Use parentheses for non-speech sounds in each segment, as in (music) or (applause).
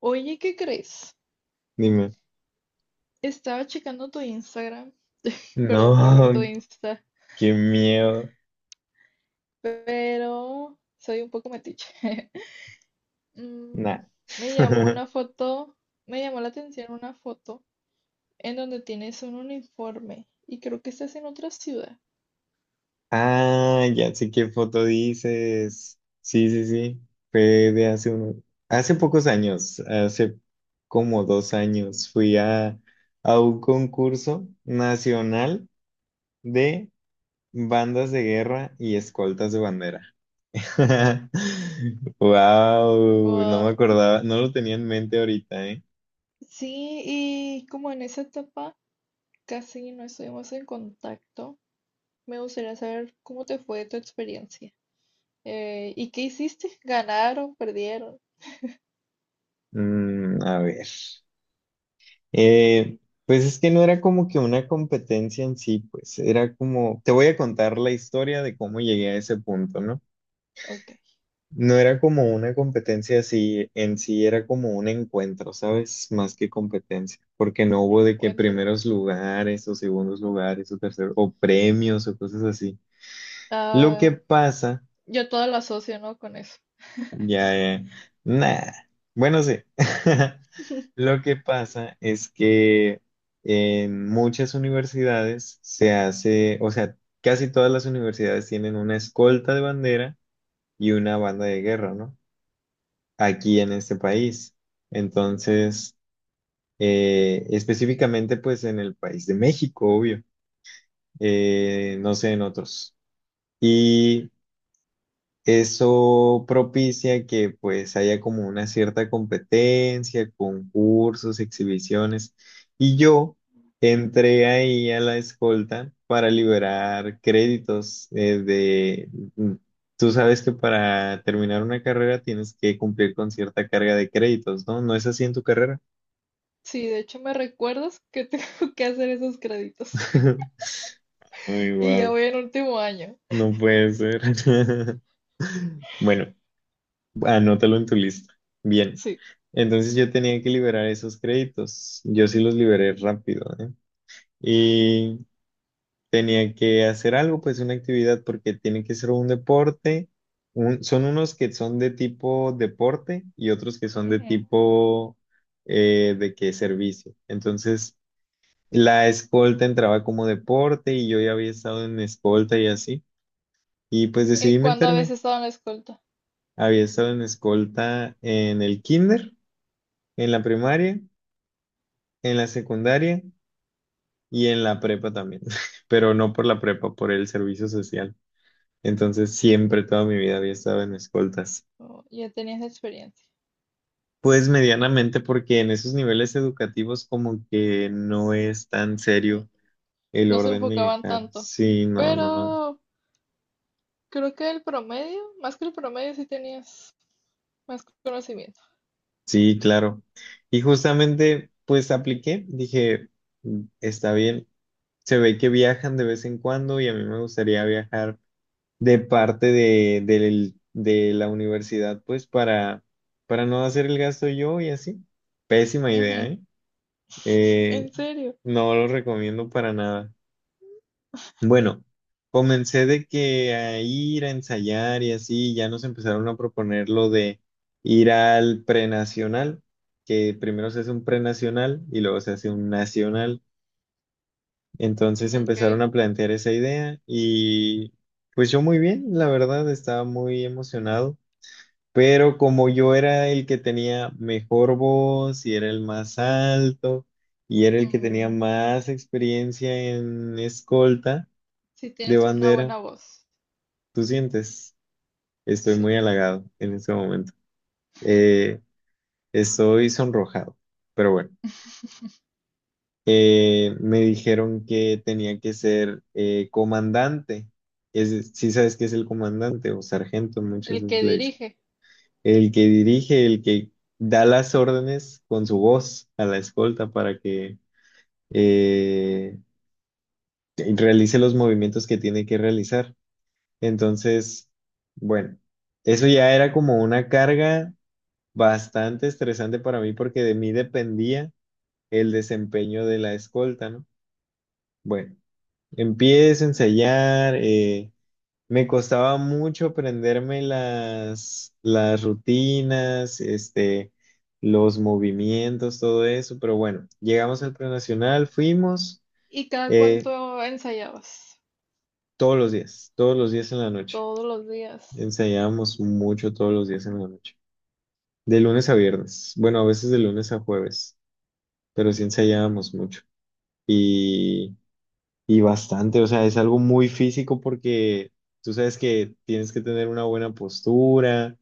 Oye, ¿qué crees? Dime. Estaba checando tu Instagram, perdón por ver tu No, Insta, (laughs) qué miedo. pero soy un poco metiche. (laughs) Nah. Mm, me llamó (laughs) una foto, me llamó la atención una foto en donde tienes un uniforme y creo que estás en otra ciudad. Ah, ya sé qué foto dices. Sí, sí, sí. Fue de hace pocos años, hace como 2 años, fui a un concurso nacional de bandas de guerra y escoltas de bandera. (laughs) Wow, no me Wow. acordaba, no lo tenía en mente ahorita, ¿eh? Sí, y como en esa etapa casi no estuvimos en contacto, me gustaría saber cómo te fue tu experiencia. ¿Y qué hiciste? ¿Ganaron? ¿Perdieron? Mm, a ver. Eh, pues es que no era como que una competencia en sí, pues era como, te voy a contar la historia de cómo llegué a ese punto, ¿no? Ok, No era como una competencia así en sí, era como un encuentro, ¿sabes? Más que competencia, porque no un hubo de que encuentro. primeros lugares o segundos lugares o terceros o premios o cosas así. Lo que Ah, pasa. yo todo lo asocio, ¿no? Con eso. Ya, ya. Nah. Bueno, sí. (laughs) (laughs) Lo que pasa es que en muchas universidades se hace, o sea, casi todas las universidades tienen una escolta de bandera y una banda de guerra, ¿no? Aquí Sí, en este país. Entonces, específicamente pues en el país de México, obvio. No sé, en otros. Y eso propicia que pues haya como una cierta competencia, concursos, exhibiciones. Y yo entré ahí a la escolta para liberar créditos de... mm, tú sabes que para terminar una carrera tienes que cumplir con cierta carga de créditos, ¿no? ¿No es así en tu carrera? sí, de hecho me recuerdas que tengo (laughs) que hacer esos créditos (laughs) (laughs) Ay, y ya wow. voy en último año. No puede ser. (laughs) Bueno, anótalo en tu lista. Bien. Sí. Entonces yo tenía que liberar esos créditos. Yo sí los liberé rápido, ¿eh? Y tenía que hacer algo, pues una actividad, porque tiene que ser un deporte. Son unos que son de tipo deporte y otros que son de Ujú. tipo de que servicio. Entonces la escolta entraba como deporte y yo ya había estado en escolta y así. Y pues ¿Y decidí cuándo habías meterme. estado en la escolta? Había estado en escolta en el kinder, en la primaria, en la secundaria y en la prepa también, (laughs) pero no por la prepa, por el servicio social. Entonces siempre toda mi vida había estado en escoltas. Oh, ya tenías experiencia. Pues medianamente porque en esos niveles educativos como que no es tan Mm. serio el No se orden enfocaban militar. tanto, Sí, no, no, no. pero creo que el promedio, más que el promedio, sí tenías más conocimiento. Sí, claro. Y justamente pues apliqué, dije, "Mm, está bien, se ve que viajan de vez en cuando y a mí me gustaría viajar de parte de, de la universidad, pues para no hacer el gasto yo y así. Pésima idea, Ujú. ¿eh? Eh, ¿En serio? no lo recomiendo para nada. Bueno, comencé de que a ir a ensayar y así, ya nos empezaron a proponer lo de ir al prenacional, que primero se hace un prenacional y luego se hace un nacional. Entonces Ok. empezaron a plantear esa idea y pues yo muy bien, la verdad, estaba muy emocionado. Pero como yo era el que tenía mejor voz y era el más alto y era el que tenía Mm, más experiencia en escolta sí de tienes una bandera, buena voz. tú sientes, estoy Sí. muy halagado en este momento. Eh, Estoy sonrojado, pero bueno, me dijeron que tenía que ser comandante. Sí sabes qué es el comandante o sargento, muchas El veces que le dicen. dirige. El que dirige, el que da las órdenes con su voz a la escolta para que eh, realice los movimientos que tiene que realizar. Entonces, bueno, eso ya era como una carga bastante estresante para mí porque de mí dependía el desempeño de la escolta, ¿no? Bueno, empiezo a ensayar. Me costaba mucho aprenderme las rutinas, este, los movimientos, todo eso, pero bueno, llegamos al prenacional, fuimos ¿Y cada eh, cuánto ensayabas? Todos los días en la noche. Todos los días. Ensayábamos mucho todos los días en la noche, de lunes a viernes, bueno, a veces de lunes a jueves, pero sí ensayábamos mucho. Y bastante, o sea, es algo muy físico porque tú sabes que tienes que tener una buena postura,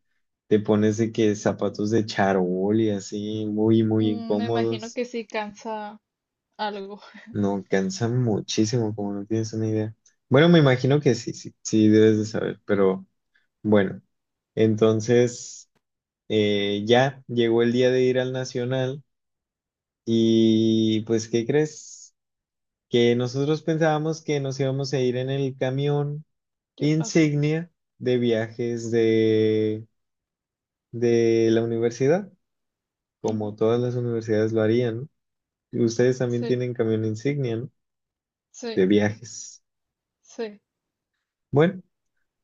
te pones de que zapatos de charol y así, muy Mm, me imagino incómodos. que sí cansa algo. (laughs) No, cansan muchísimo, como no tienes una idea. Bueno, me imagino que sí, sí, sí debes de saber, pero bueno. Entonces, ya llegó el día de ir al Nacional y pues, ¿qué crees? Que nosotros pensábamos que nos íbamos a ir en el camión ¿Qué pasó? insignia de viajes de la universidad, como Ujú. todas las universidades lo harían, ¿no? Ustedes también Sí, tienen camión insignia, ¿no? De sí, viajes. sí. Bueno,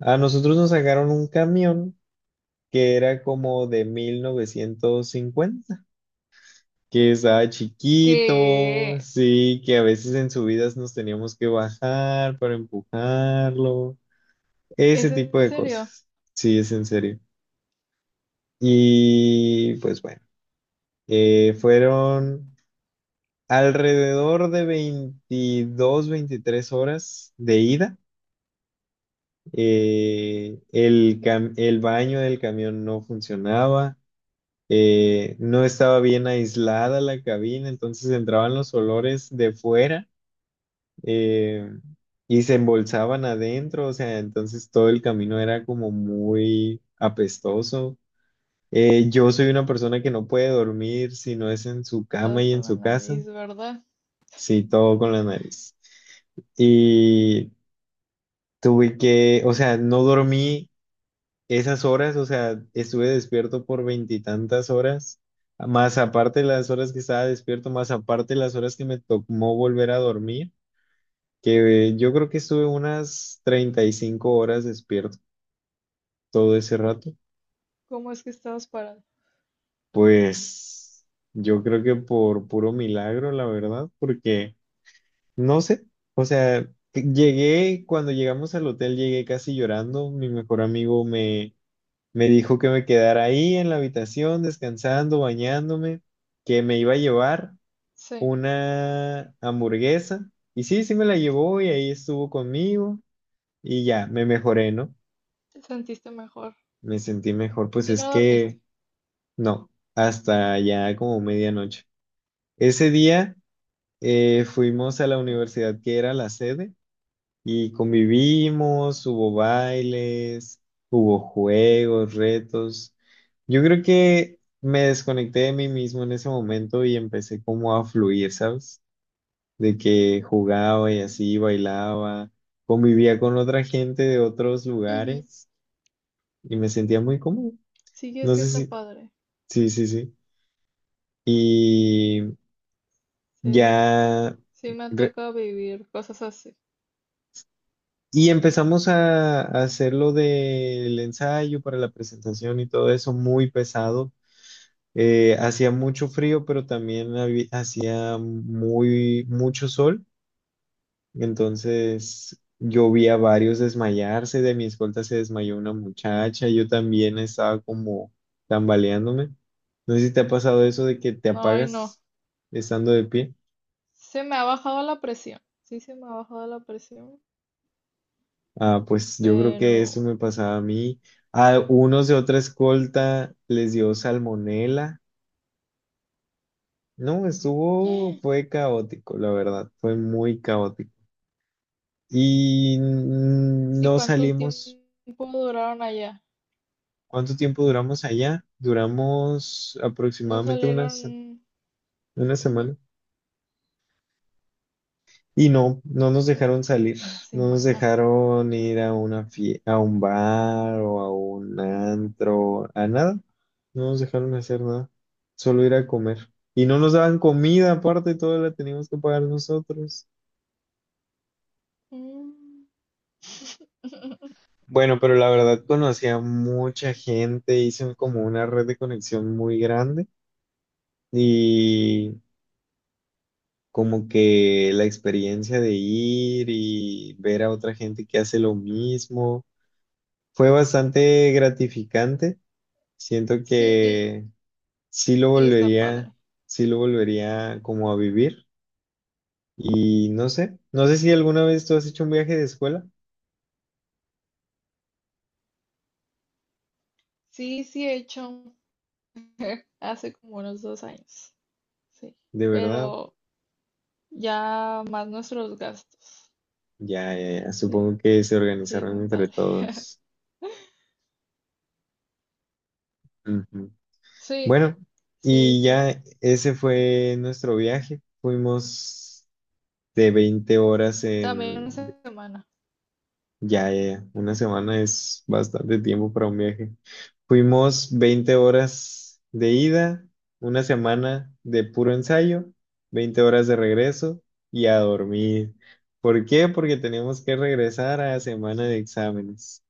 a nosotros nos sacaron un camión que era como de 1950, que estaba chiquito, ¿Qué? sí, que a veces en subidas nos teníamos que bajar para empujarlo, ¿Es ese tipo en de serio? cosas. Sí, es en serio. Y pues bueno. Fueron alrededor de 22-23 horas de ida. El baño del camión no funcionaba. No estaba bien aislada la cabina, entonces entraban los olores de fuera eh, y se embolsaban adentro. O sea, entonces todo el camino era como muy apestoso. Yo soy una persona que no puede dormir si no es en su cama Cuidado y en con la su casa. nariz, ¿verdad? Sí, todo con la nariz. Y tuve que, o sea, no dormí esas horas, o sea, estuve despierto por veintitantas horas, más aparte las horas que estaba despierto, más aparte las horas que me tomó volver a dormir, que yo creo que estuve unas 35 horas despierto todo ese rato. ¿Cómo es que estabas parada? Pues yo creo que por puro milagro, la verdad, porque... No sé, o sea, llegué, cuando llegamos al hotel llegué casi llorando, mi mejor amigo me, me dijo que me quedara ahí en la habitación descansando, bañándome, que me iba a llevar Sí, una hamburguesa y sí, sí me la llevó y ahí estuvo conmigo y ya, me mejoré, ¿no? te sentiste mejor. Me sentí mejor, pues Y es no dormiste. que no, hasta ya como medianoche. Ese día fuimos a la Mm. universidad que era la sede. Y convivimos, hubo bailes, hubo juegos, retos. Yo creo que me desconecté de mí mismo en ese momento y empecé como a fluir, ¿sabes? De que jugaba y así, bailaba, convivía con otra gente de otros Ujú. lugares y me sentía muy cómodo. Sí, es No que sé está si, padre. sí, sí, sí. Y ya Sí, sí me ha re- tocado vivir cosas así. Y empezamos a hacer lo del ensayo para la presentación y todo eso muy pesado. Hacía mucho frío, pero también hacía mucho sol. Entonces yo vi a varios desmayarse. De mi escolta se desmayó una muchacha. Yo también estaba como tambaleándome. No sé si te ha pasado eso de que te No, y no. apagas estando de pie. Se me ha bajado la presión. Sí, se me ha bajado la presión, Ah, pues yo creo que eso pero me pasaba a mí. A unos de otra escolta les dio salmonela. No, estuvo, ¿y fue caótico, la verdad, fue muy caótico. Y no cuánto salimos. tiempo duraron allá? ¿Cuánto tiempo duramos allá? Duramos No aproximadamente salieron, una ujú, semana. Y no, no nos dejaron salir, una no nos semana. dejaron ir a un bar o a un antro, a nada. No nos dejaron hacer nada, solo ir a comer. Y no nos daban comida, aparte, toda la teníamos que pagar nosotros. Mm. (laughs) Bueno, pero la verdad conocí a mucha gente, hice como una red de conexión muy grande y como que la experiencia de ir y ver a otra gente que hace lo mismo fue bastante gratificante. Siento Sí, que sí lo está volvería, padre. sí lo volvería como a vivir. Y no sé, no sé si alguna vez tú has hecho un viaje de escuela. Sí, sí he hecho (laughs) hace como unos 2 años. Sí, De verdad, pero ya más nuestros gastos. ya, ya, ya, Sí, supongo que se sí, organizaron muy entre padre. todos. (laughs) Ujú. Sí, Bueno, sí, y sí, ya ese sí. fue nuestro viaje. Fuimos de Sí. 20 horas También en. una semana. Ya, ya, ya. Una semana es bastante tiempo para un viaje. Fuimos 20 horas de ida, una semana de puro ensayo, 20 horas de regreso y a dormir. ¿Por qué? Porque tenemos que regresar a semana de exámenes.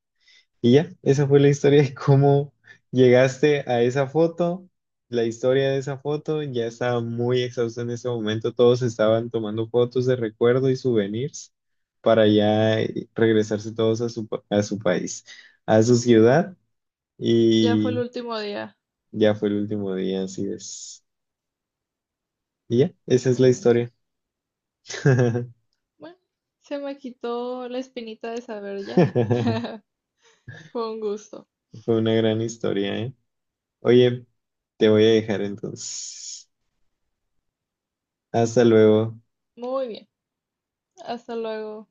Y ya, esa fue la historia de cómo llegaste a esa foto. La historia de esa foto ya estaba muy exhausta en ese momento. Todos estaban tomando fotos de recuerdo y souvenirs para ya regresarse todos a su país, a su ciudad. Ya fue el Y último día. ya fue el último día, así es. Y ya, esa es la Ok. historia. Bueno, se me quitó la espinita de saber ya. (laughs) (laughs) Fue un gusto. Fue una gran historia, ¿eh? Oye, te voy a dejar entonces. Hasta luego. Muy bien. Hasta luego.